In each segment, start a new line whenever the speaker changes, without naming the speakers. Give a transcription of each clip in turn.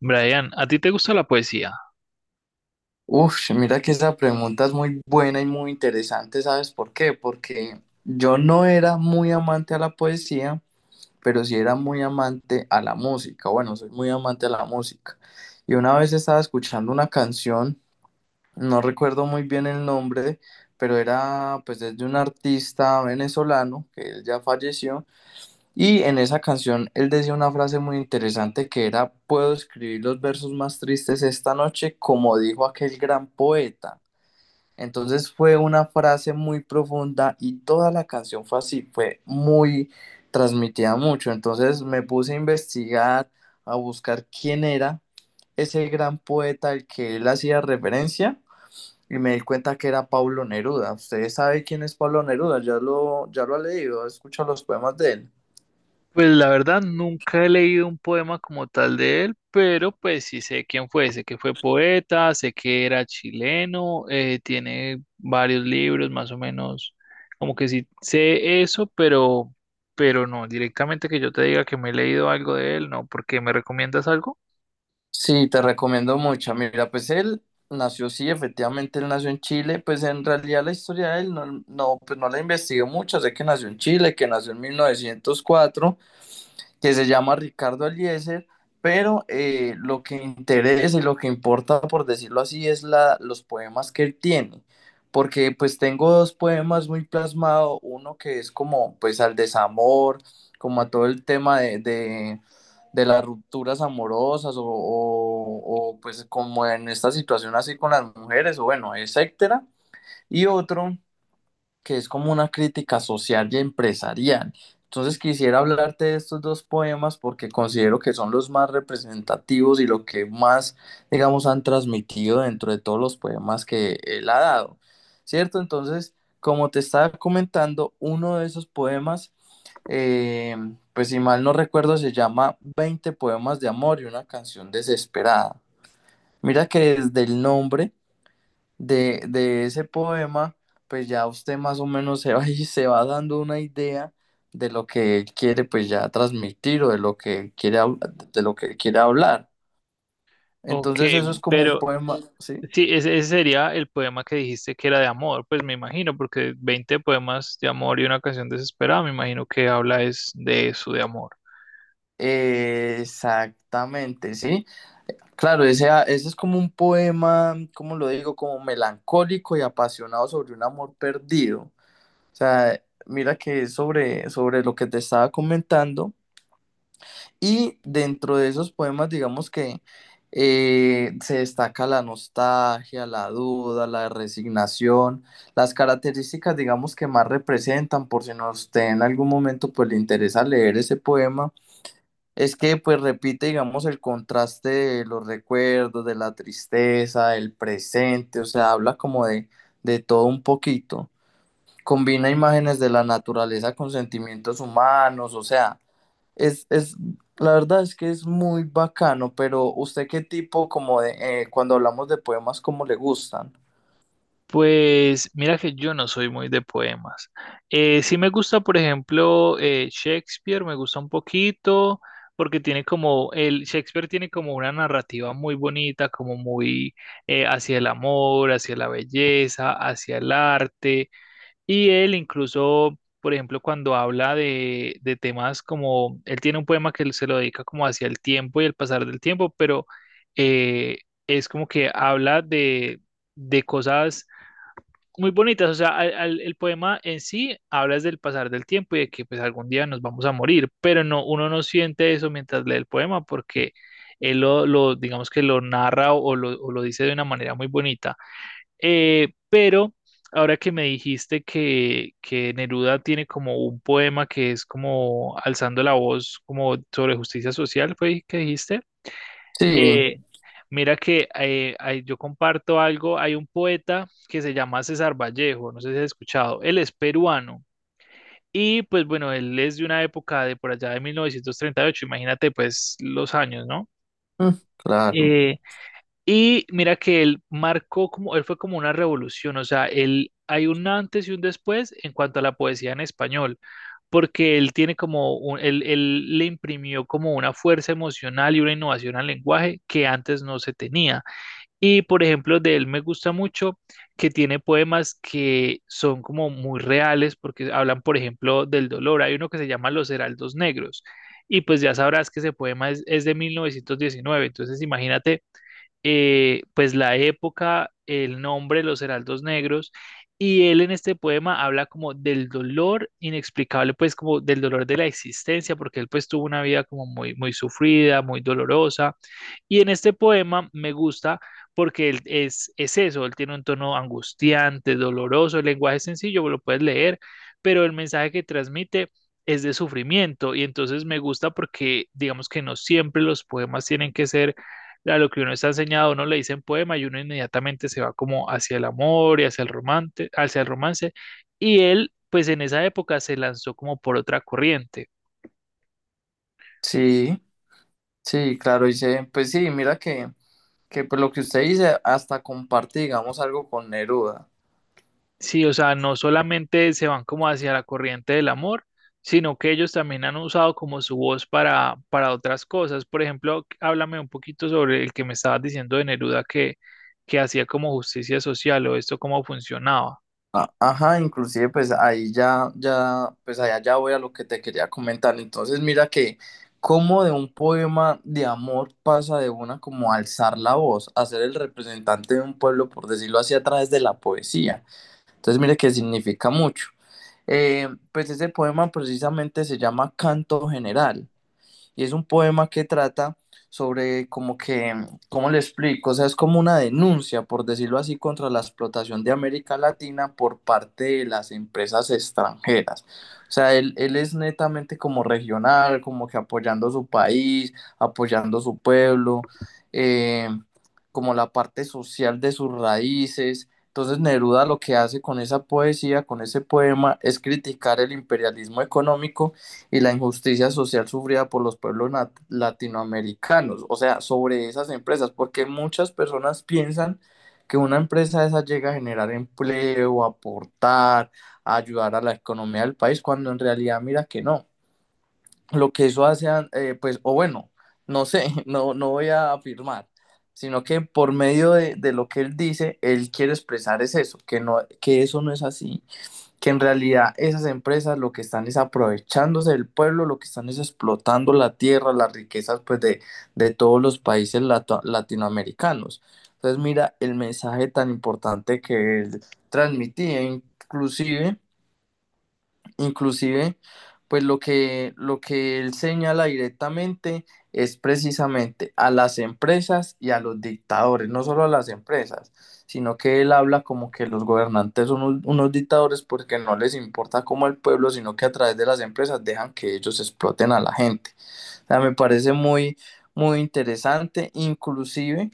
Brian, ¿a ti te gusta la poesía?
Uf, mira que esa pregunta es muy buena y muy interesante, ¿sabes por qué? Porque yo no era muy amante a la poesía, pero sí era muy amante a la música. Bueno, soy muy amante a la música. Y una vez estaba escuchando una canción, no recuerdo muy bien el nombre, pero era pues es de un artista venezolano que él ya falleció. Y en esa canción él decía una frase muy interesante que era: puedo escribir los versos más tristes esta noche como dijo aquel gran poeta. Entonces fue una frase muy profunda y toda la canción fue así, fue muy transmitida mucho. Entonces me puse a investigar, a buscar quién era ese gran poeta al que él hacía referencia y me di cuenta que era Pablo Neruda. ¿Ustedes saben quién es Pablo Neruda? Ya lo ha leído, ha escuchado los poemas de él.
Pues la verdad nunca he leído un poema como tal de él, pero pues sí sé quién fue, sé que fue poeta, sé que era chileno, tiene varios libros más o menos, como que sí sé eso, pero no, directamente que yo te diga que me he leído algo de él, no, porque me recomiendas algo.
Sí, te recomiendo mucho. Mira, pues él nació, sí, efectivamente él nació en Chile. Pues en realidad la historia de él no, pues no la investigué mucho. Sé que nació en Chile, que nació en 1904, que se llama Ricardo Aliezer, pero lo que interesa y lo que importa, por decirlo así, es la, los poemas que él tiene, porque pues tengo dos poemas muy plasmados: uno que es como pues al desamor, como a todo el tema de de las rupturas amorosas o pues como en esta situación así con las mujeres, o bueno, etcétera, y otro que es como una crítica social y empresarial. Entonces quisiera hablarte de estos dos poemas porque considero que son los más representativos y lo que más, digamos, han transmitido dentro de todos los poemas que él ha dado, ¿cierto? Entonces, como te estaba comentando, uno de esos poemas, eh, pues si mal no recuerdo, se llama Veinte poemas de amor y una canción desesperada. Mira que desde el nombre de ese poema, pues ya usted más o menos se va y se va dando una idea de lo que él quiere pues ya transmitir o de lo que de lo que quiere hablar.
Ok,
Entonces eso es como un
pero
poema, ¿sí?
sí, ese sería el poema que dijiste que era de amor, pues me imagino, porque veinte poemas de amor y una canción desesperada, me imagino que habla es de eso, de amor.
Exactamente, sí. Claro, ese, ah, ese es como un poema, como lo digo? Como melancólico y apasionado sobre un amor perdido. O sea, mira que es sobre, sobre lo que te estaba comentando. Y dentro de esos poemas, digamos que se destaca la nostalgia, la duda, la resignación, las características, digamos, que más representan, por si no usted en algún momento pues le interesa leer ese poema, es que pues repite, digamos, el contraste de los recuerdos, de la tristeza, el presente, o sea, habla como de todo un poquito. Combina imágenes de la naturaleza con sentimientos humanos, o sea, es, la verdad es que es muy bacano. Pero ¿usted qué tipo como de, cuando hablamos de poemas, cómo le gustan?
Pues mira que yo no soy muy de poemas. Sí me gusta, por ejemplo, Shakespeare, me gusta un poquito, porque tiene como, el Shakespeare tiene como una narrativa muy bonita, como muy hacia el amor, hacia la belleza, hacia el arte. Y él incluso, por ejemplo, cuando habla de temas como, él tiene un poema que él se lo dedica como hacia el tiempo y el pasar del tiempo, pero eh, es como que habla de cosas muy bonitas, o sea, el poema en sí hablas del pasar del tiempo y de que pues algún día nos vamos a morir, pero no, uno no siente eso mientras lee el poema porque él lo, digamos que lo narra o lo dice de una manera muy bonita. Pero ahora que me dijiste que Neruda tiene como un poema que es como alzando la voz como sobre justicia social, ¿fue que dijiste?
Sí,
Eh, Mira que ahí yo comparto algo, hay un poeta que se llama César Vallejo, no sé si has escuchado, él es peruano y pues bueno, él es de una época de por allá de 1938. Imagínate pues los años, ¿no?
mm, claro,
Eh, y mira que él marcó como, él fue como una revolución, o sea, él hay un antes y un después en cuanto a la poesía en español, porque él tiene como, él le imprimió como una fuerza emocional y una innovación al lenguaje que antes no se tenía. Y por ejemplo, de él me gusta mucho que tiene poemas que son como muy reales porque hablan, por ejemplo, del dolor. Hay uno que se llama Los Heraldos Negros. Y pues ya sabrás que ese poema es de 1919. Entonces imagínate pues la época, el nombre, Los Heraldos Negros. Y él en este poema habla como del dolor inexplicable, pues como del dolor de la existencia, porque él pues tuvo una vida como muy, muy sufrida, muy dolorosa y en este poema me gusta porque él es eso, él tiene un tono angustiante, doloroso, el lenguaje es sencillo, lo puedes leer, pero el mensaje que transmite es de sufrimiento y entonces me gusta porque digamos que no siempre los poemas tienen que ser a lo que uno está enseñado, a uno le dicen poema y uno inmediatamente se va como hacia el amor y hacia el romance y él pues en esa época se lanzó como por otra corriente.
sí, sí, claro, dice, pues sí, mira que pues lo que usted dice, hasta comparte, digamos, algo con Neruda.
Sí, o sea, no solamente se van como hacia la corriente del amor, sino que ellos también han usado como su voz para otras cosas. Por ejemplo, háblame un poquito sobre el que me estabas diciendo de Neruda que hacía como justicia social o esto cómo funcionaba.
A- ajá, inclusive pues ahí ya, pues allá ya voy a lo que te quería comentar. Entonces mira que como de un poema de amor pasa de una como a alzar la voz, a ser el representante de un pueblo, por decirlo así, a través de la poesía. Entonces mire que significa mucho. Pues ese poema precisamente se llama Canto General y es un poema que trata sobre como que, ¿cómo le explico? O sea, es como una denuncia, por decirlo así, contra la explotación de América Latina por parte de las empresas extranjeras. O sea, él es netamente como regional, como que apoyando su país, apoyando su pueblo, eh, como la parte social de sus raíces. Entonces Neruda lo que hace con esa poesía, con ese poema, es criticar el imperialismo económico y la injusticia social sufrida por los pueblos latinoamericanos, o sea, sobre esas empresas, porque muchas personas piensan que una empresa esa llega a generar empleo, a aportar, a ayudar a la economía del país, cuando en realidad mira que no. Lo que eso hace, pues, o bueno, no sé, no voy a afirmar, sino que por medio de lo que él dice, él quiere expresar es eso, que, no, que eso no es así, que en realidad esas empresas lo que están es aprovechándose del pueblo, lo que están es explotando la tierra, las riquezas pues de todos los países latinoamericanos. Entonces mira el mensaje tan importante que él transmitía inclusive, pues lo que él señala directamente es precisamente a las empresas y a los dictadores, no solo a las empresas, sino que él habla como que los gobernantes son unos dictadores porque no les importa cómo el pueblo, sino que a través de las empresas dejan que ellos exploten a la gente. O sea, me parece muy, muy interesante, inclusive,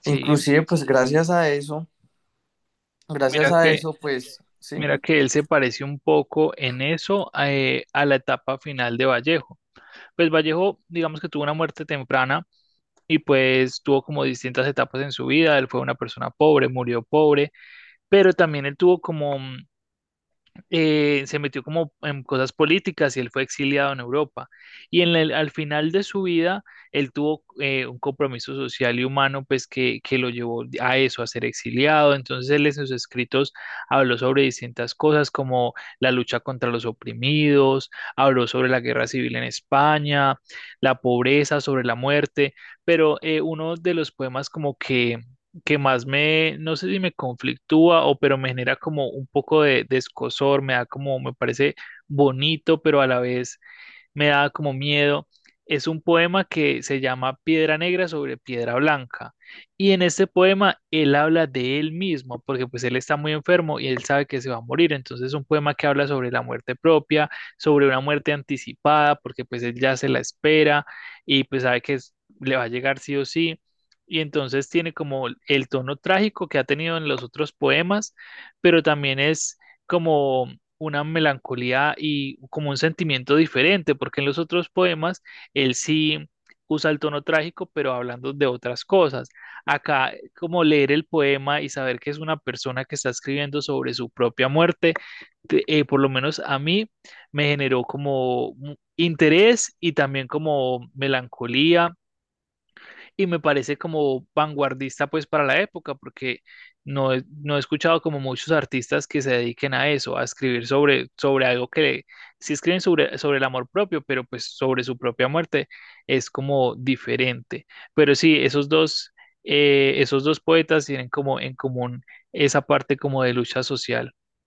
Sí,
gracias a eso,
mira que,
pues, ¿sí?
mira que él se parece un poco en eso a la etapa final de Vallejo. Pues Vallejo, digamos que tuvo una muerte temprana y pues tuvo como distintas etapas en su vida. Él fue una persona pobre, murió pobre pero también él tuvo como, se metió como en cosas políticas y él fue exiliado en Europa. Y en al final de su vida, él tuvo un compromiso social y humano, pues que lo llevó a eso, a ser exiliado. Entonces él en sus escritos habló sobre distintas cosas como la lucha contra los oprimidos, habló sobre la guerra civil en España, la pobreza, sobre la muerte, pero uno de los poemas como que más me, no sé si me conflictúa o pero me genera como un poco de escozor, me da como, me parece bonito, pero a la vez me da como miedo. Es un poema que se llama Piedra Negra sobre Piedra Blanca. Y en este poema él habla de él mismo, porque pues él está muy enfermo y él sabe que se va a morir. Entonces es un poema que habla sobre la muerte propia, sobre una muerte anticipada, porque pues él ya se la espera y pues sabe que le va a llegar sí o sí. Y entonces tiene como el tono trágico que ha tenido en los otros poemas, pero también es como una melancolía y como un sentimiento diferente, porque en los otros poemas él sí usa el tono trágico, pero hablando de otras cosas. Acá, como leer el poema y saber que es una persona que está escribiendo sobre su propia muerte, por lo menos a mí me generó como interés y también como melancolía y me parece como vanguardista pues para la época, porque no he escuchado como muchos artistas que se dediquen a eso, a escribir sobre, sobre algo que sí escriben sobre, sobre el amor propio, pero pues sobre su propia muerte es como diferente. Pero sí, esos dos poetas tienen como en común esa parte como de lucha social.